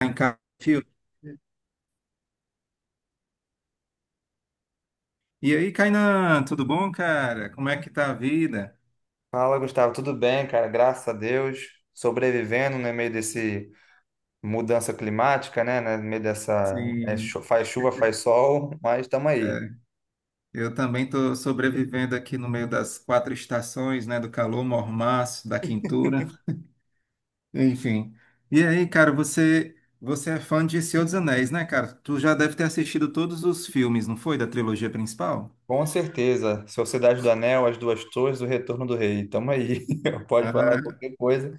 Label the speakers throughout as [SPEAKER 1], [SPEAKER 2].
[SPEAKER 1] Em casa, fio. E aí, Kainan, tudo bom, cara? Como é que tá a vida?
[SPEAKER 2] Fala, Gustavo, tudo bem, cara? Graças a Deus, sobrevivendo no meio desse mudança climática, né? No meio dessa
[SPEAKER 1] Sim,
[SPEAKER 2] faz chuva, faz sol, mas estamos aí.
[SPEAKER 1] é, eu também estou sobrevivendo aqui no meio das quatro estações, né, do calor, mormaço, da quintura, enfim. E aí, cara, você é fã de Senhor dos Anéis, né, cara? Tu já deve ter assistido todos os filmes, não foi, da trilogia principal?
[SPEAKER 2] Com certeza, Sociedade do Anel, As Duas Torres, O Retorno do Rei, estamos aí. Pode falar
[SPEAKER 1] Ah,
[SPEAKER 2] qualquer coisa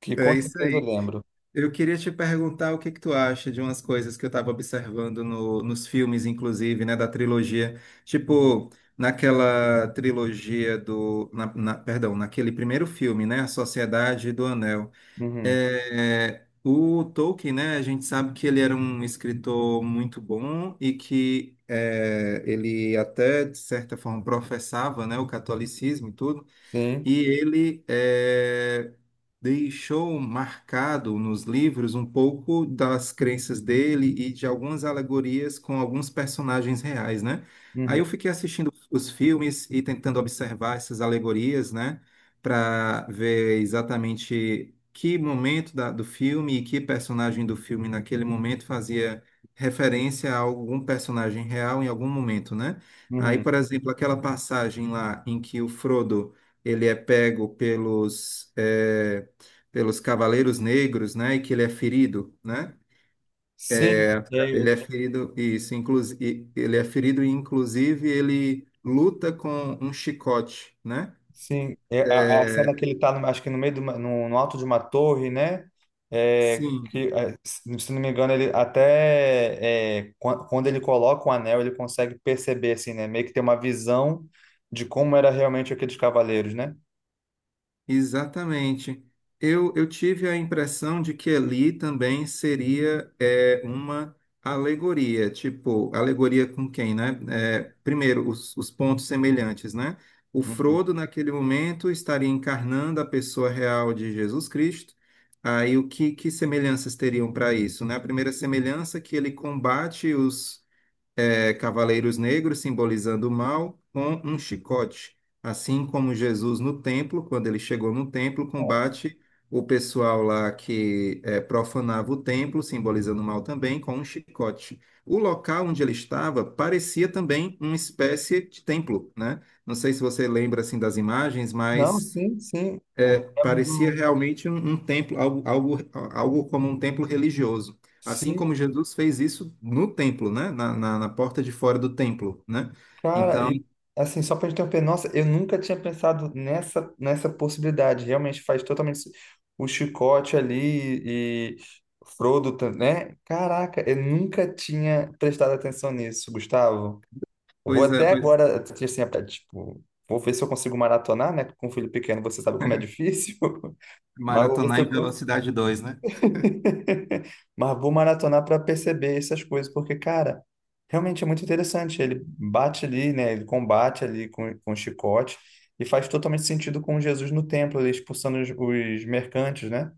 [SPEAKER 2] que
[SPEAKER 1] é
[SPEAKER 2] com
[SPEAKER 1] isso
[SPEAKER 2] certeza eu
[SPEAKER 1] aí.
[SPEAKER 2] lembro.
[SPEAKER 1] Eu queria te perguntar o que que tu acha de umas coisas que eu estava observando nos filmes, inclusive, né, da trilogia.
[SPEAKER 2] Uhum.
[SPEAKER 1] Tipo, naquela trilogia do... perdão, naquele primeiro filme, né, A Sociedade do Anel.
[SPEAKER 2] Uhum.
[SPEAKER 1] É, o Tolkien, né, a gente sabe que ele era um escritor muito bom e que ele até, de certa forma, professava, né, o catolicismo e tudo.
[SPEAKER 2] Sim.
[SPEAKER 1] E ele deixou marcado nos livros um pouco das crenças dele e de algumas alegorias com alguns personagens reais, né? Aí
[SPEAKER 2] Uhum.
[SPEAKER 1] eu fiquei assistindo os filmes e tentando observar essas alegorias, né? Para ver exatamente que momento do filme e que personagem do filme naquele momento fazia referência a algum personagem real em algum momento, né? Aí,
[SPEAKER 2] Uhum.
[SPEAKER 1] por exemplo, aquela passagem lá em que o Frodo ele é pego pelos Cavaleiros Negros, né? E que ele é ferido, né?
[SPEAKER 2] Sim. É.
[SPEAKER 1] Ele é ferido, isso, inclusive, ele é ferido e, inclusive, ele luta com um chicote, né?
[SPEAKER 2] Sim, é a cena
[SPEAKER 1] Eh,
[SPEAKER 2] que ele tá, acho que no meio do, no alto de uma torre, né?
[SPEAKER 1] sim,
[SPEAKER 2] Que, é, se não me engano, ele até quando ele coloca o anel, ele consegue perceber, assim, né? Meio que ter uma visão de como era realmente aqueles cavaleiros, né?
[SPEAKER 1] Exatamente. Eu tive a impressão de que ali também seria uma alegoria, tipo, alegoria com quem, né? É, primeiro, os pontos semelhantes, né? O
[SPEAKER 2] Uhum.
[SPEAKER 1] Frodo, naquele momento, estaria encarnando a pessoa real de Jesus Cristo. Aí, o que, que semelhanças teriam para isso, né? A primeira semelhança é que ele combate os cavaleiros negros simbolizando o mal com um chicote, assim como Jesus no templo, quando ele chegou no templo, combate o pessoal lá que profanava o templo, simbolizando o mal também, com um chicote. O local onde ele estava parecia também uma espécie de templo, né? Não sei se você lembra assim das imagens,
[SPEAKER 2] Não,
[SPEAKER 1] mas
[SPEAKER 2] sim, sim. Lembro
[SPEAKER 1] parecia
[SPEAKER 2] do.
[SPEAKER 1] realmente um templo, algo como um templo religioso. Assim
[SPEAKER 2] Sim.
[SPEAKER 1] como Jesus fez isso no templo, né? Na porta de fora do templo, né?
[SPEAKER 2] Cara,
[SPEAKER 1] Então,
[SPEAKER 2] e assim, só pra gente interromper, nossa, eu nunca tinha pensado nessa possibilidade. Realmente faz totalmente o chicote ali e Frodo, né? Caraca, eu nunca tinha prestado atenção nisso, Gustavo. Eu vou
[SPEAKER 1] pois é,
[SPEAKER 2] até
[SPEAKER 1] pois,
[SPEAKER 2] agora, assim, até, tipo, vou ver se eu consigo maratonar, né? Com um filho pequeno, você sabe como é difícil. Mas vou ver se
[SPEAKER 1] maratonar em
[SPEAKER 2] eu...
[SPEAKER 1] velocidade dois, né?
[SPEAKER 2] Mas vou maratonar para perceber essas coisas, porque, cara, realmente é muito interessante. Ele bate ali, né? Ele combate ali com o chicote e faz totalmente sentido com Jesus no templo, ali expulsando os mercantes, né?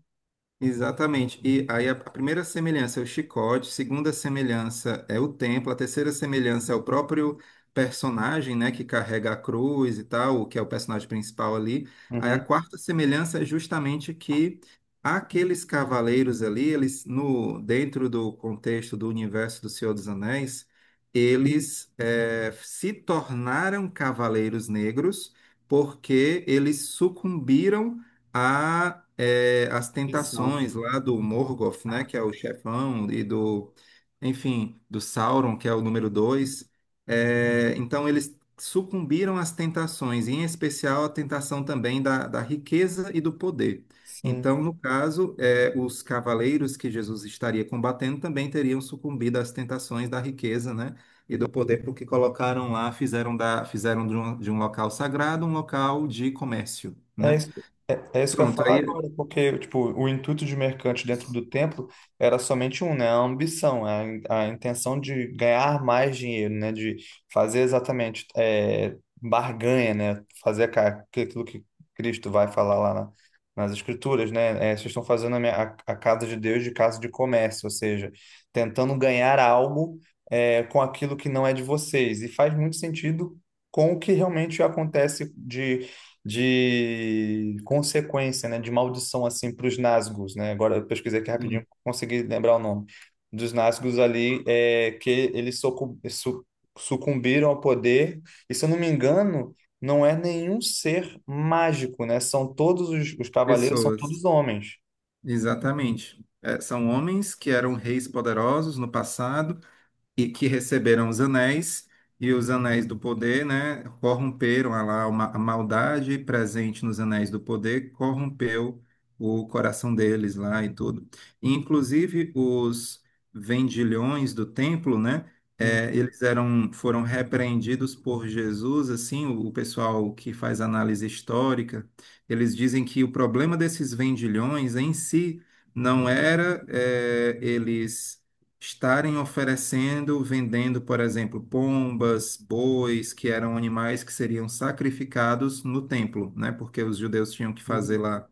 [SPEAKER 1] Exatamente. E aí a primeira semelhança é o chicote, a segunda semelhança é o templo, a terceira semelhança é o próprio personagem, né, que carrega a cruz e tal, que é o personagem principal ali. Aí a
[SPEAKER 2] Uhum.
[SPEAKER 1] quarta semelhança é justamente que aqueles cavaleiros ali, eles no dentro do contexto do universo do Senhor dos Anéis, eles se tornaram cavaleiros negros porque eles sucumbiram a as
[SPEAKER 2] Missão.
[SPEAKER 1] tentações lá do Morgoth, né, que é o chefão, e do, enfim, do Sauron, que é o número 2. Então eles sucumbiram às tentações, e em especial a tentação também da riqueza e do poder.
[SPEAKER 2] Sim.
[SPEAKER 1] Então, no caso, os cavaleiros que Jesus estaria combatendo também teriam sucumbido às tentações da riqueza, né, e do poder, porque colocaram lá, fizeram da, fizeram de um local sagrado um local de comércio,
[SPEAKER 2] É
[SPEAKER 1] né?
[SPEAKER 2] isso, é, é isso que eu ia
[SPEAKER 1] Pronto,
[SPEAKER 2] falar
[SPEAKER 1] aí
[SPEAKER 2] agora, porque tipo, o intuito de mercante dentro do templo era somente um, né? A ambição, a intenção de ganhar mais dinheiro, né? De fazer exatamente barganha, né? Fazer aquilo que Cristo vai falar nas Escrituras, né? É, vocês estão fazendo a casa de Deus de casa de comércio, ou seja, tentando ganhar algo com aquilo que não é de vocês. E faz muito sentido com o que realmente acontece de consequência, né, de maldição assim para os Nazgûs, né? Agora eu pesquisei aqui
[SPEAKER 1] sim,
[SPEAKER 2] rapidinho, consegui lembrar o nome dos Nazgûs ali, é que eles sucumbiram ao poder. E se eu não me engano, não é nenhum ser mágico, né? São todos os cavaleiros, são todos
[SPEAKER 1] pessoas,
[SPEAKER 2] homens.
[SPEAKER 1] exatamente. É, são homens que eram reis poderosos no passado e que receberam os anéis, e os anéis do poder, né, corromperam a lá uma, a maldade presente nos anéis do poder, corrompeu o coração deles lá e tudo. E, inclusive os vendilhões do templo, né,
[SPEAKER 2] Uhum,
[SPEAKER 1] foram repreendidos por Jesus, assim, o pessoal que faz análise histórica, eles dizem que o problema desses vendilhões em si não era, eles estarem oferecendo, vendendo, por exemplo, pombas, bois, que eram animais que seriam sacrificados no templo, né? Porque os judeus tinham que fazer
[SPEAKER 2] uhum.
[SPEAKER 1] lá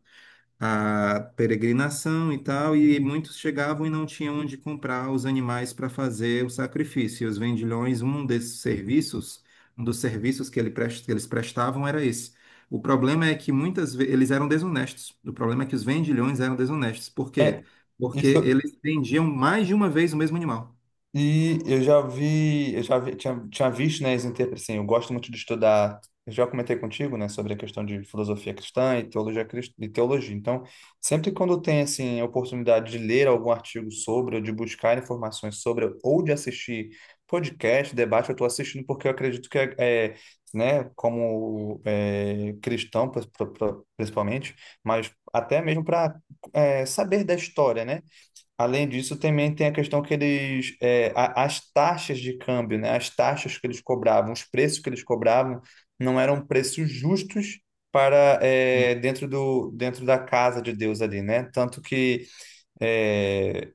[SPEAKER 1] a peregrinação e tal, e muitos chegavam e não tinham onde comprar os animais para fazer o sacrifício. E os vendilhões, um desses serviços, um dos serviços que, que eles prestavam era esse. O problema é que muitas vezes eles eram desonestos. O problema é que os vendilhões eram desonestos. Por quê? Porque
[SPEAKER 2] Isso.
[SPEAKER 1] eles vendiam mais de uma vez o mesmo animal.
[SPEAKER 2] E eu já vi, tinha, tinha visto, né, assim, eu gosto muito de estudar, eu já comentei contigo, né, sobre a questão de filosofia cristã e teologia, e teologia. Então, sempre quando tem, assim, a oportunidade de ler algum artigo sobre, ou de buscar informações sobre, ou de assistir podcast, debate, eu estou assistindo porque eu acredito que, é, né, como é, cristão, principalmente, mas até mesmo para saber da história, né? Além disso, também tem a questão que eles, é, as taxas de câmbio, né? As taxas que eles cobravam, os preços que eles cobravam, não eram preços justos para dentro do dentro da casa de Deus ali, né? Tanto que é,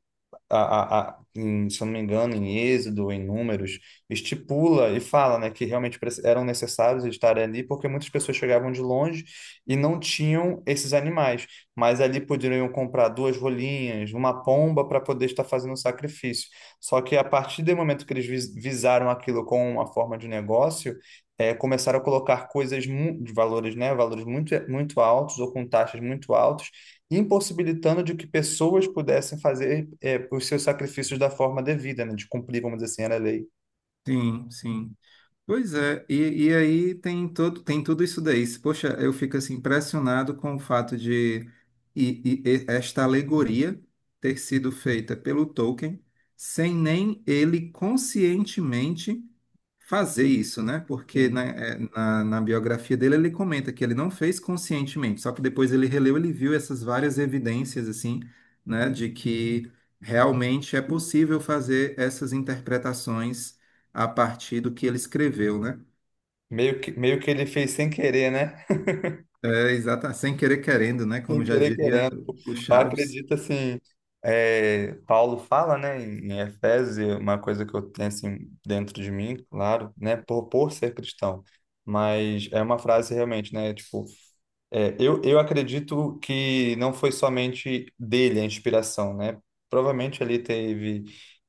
[SPEAKER 2] a, a, se eu não me engano, em Êxodo, em Números, estipula e fala, né, que realmente eram necessários estar ali, porque muitas pessoas chegavam de longe e não tinham esses animais, mas ali poderiam comprar duas rolinhas, uma pomba para poder estar fazendo o sacrifício. Só que a partir do momento que eles visaram aquilo como uma forma de negócio, começaram a colocar de valores, né, valores muito, muito altos ou com taxas muito altas, impossibilitando de que pessoas pudessem fazer os seus sacrifícios da forma devida, né? De cumprir, vamos dizer assim, era a lei.
[SPEAKER 1] Sim, sim. Pois é, e aí tem todo, tem tudo isso daí. Se, poxa, eu fico assim impressionado com o fato de e esta alegoria ter sido feita pelo Tolkien sem nem ele conscientemente fazer isso, né? Porque
[SPEAKER 2] Sim.
[SPEAKER 1] na biografia dele ele comenta que ele não fez conscientemente, só que depois ele releu, ele viu essas várias evidências assim, né, de que realmente é possível fazer essas interpretações a partir do que ele escreveu, né?
[SPEAKER 2] Meio que ele fez sem querer, né?
[SPEAKER 1] Sem querer querendo, né?
[SPEAKER 2] Sem
[SPEAKER 1] Como já
[SPEAKER 2] querer
[SPEAKER 1] diria
[SPEAKER 2] querendo.
[SPEAKER 1] o
[SPEAKER 2] Eu
[SPEAKER 1] Chaves.
[SPEAKER 2] acredito assim, é, Paulo fala, né, em Efésios, e é uma coisa que eu tenho assim dentro de mim, claro, né, por ser cristão, mas é uma frase realmente, né, tipo, eu acredito que não foi somente dele a inspiração, né? Provavelmente ali teve,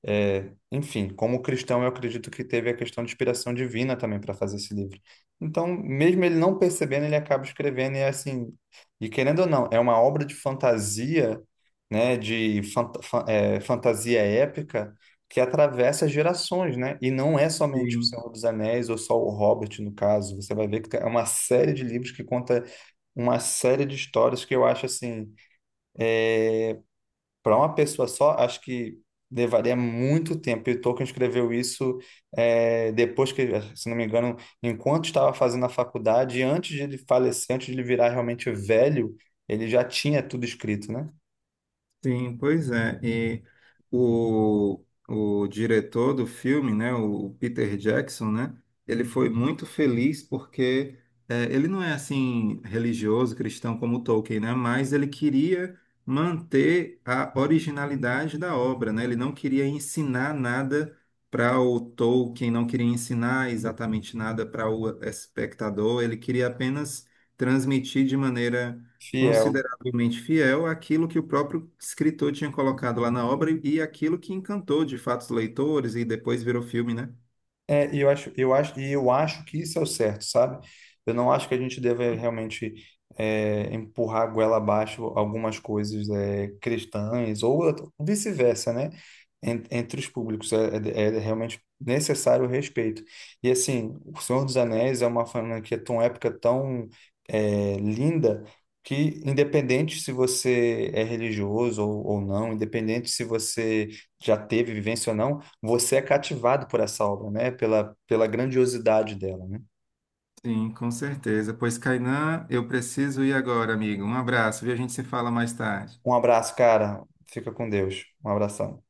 [SPEAKER 2] é, enfim, como cristão, eu acredito que teve a questão de inspiração divina também para fazer esse livro. Então, mesmo ele não percebendo, ele acaba escrevendo e assim, e querendo ou não, é uma obra de fantasia, né, de fantasia épica que atravessa gerações, né? E não é somente O
[SPEAKER 1] Sim.
[SPEAKER 2] Senhor dos Anéis ou só o Hobbit, no caso. Você vai ver que é uma série de livros que conta uma série de histórias que eu acho assim é, para uma pessoa só, acho que levaria muito tempo. E o Tolkien escreveu isso depois que, se não me engano, enquanto estava fazendo a faculdade, e antes de ele falecer, antes de ele virar realmente velho, ele já tinha tudo escrito, né?
[SPEAKER 1] Sim, pois é. E o, o diretor do filme, né, o Peter Jackson, né, ele foi muito feliz porque ele não é assim religioso, cristão como Tolkien, né, mas ele queria manter a originalidade da obra, né? Ele não queria ensinar nada para o Tolkien, não queria ensinar exatamente nada para o espectador, ele queria apenas transmitir de maneira
[SPEAKER 2] Fiel.
[SPEAKER 1] igualmente fiel àquilo que o próprio escritor tinha colocado lá na obra e aquilo que encantou de fato os leitores e depois virou filme, né?
[SPEAKER 2] É, e eu acho, e eu acho que isso é o certo, sabe? Eu não acho que a gente deve realmente empurrar a goela abaixo algumas coisas cristãs ou vice-versa, né? Entre os públicos é realmente necessário o respeito. E assim, O Senhor dos Anéis é uma franquia tão épica, tão linda, que independente se você é religioso ou não, independente se você já teve vivência ou não, você é cativado por essa obra, né? Pela, pela grandiosidade dela, né?
[SPEAKER 1] Sim, com certeza. Pois, Kainan, eu preciso ir agora, amigo. Um abraço, viu? A gente se fala mais tarde.
[SPEAKER 2] Um abraço, cara. Fica com Deus. Um abração.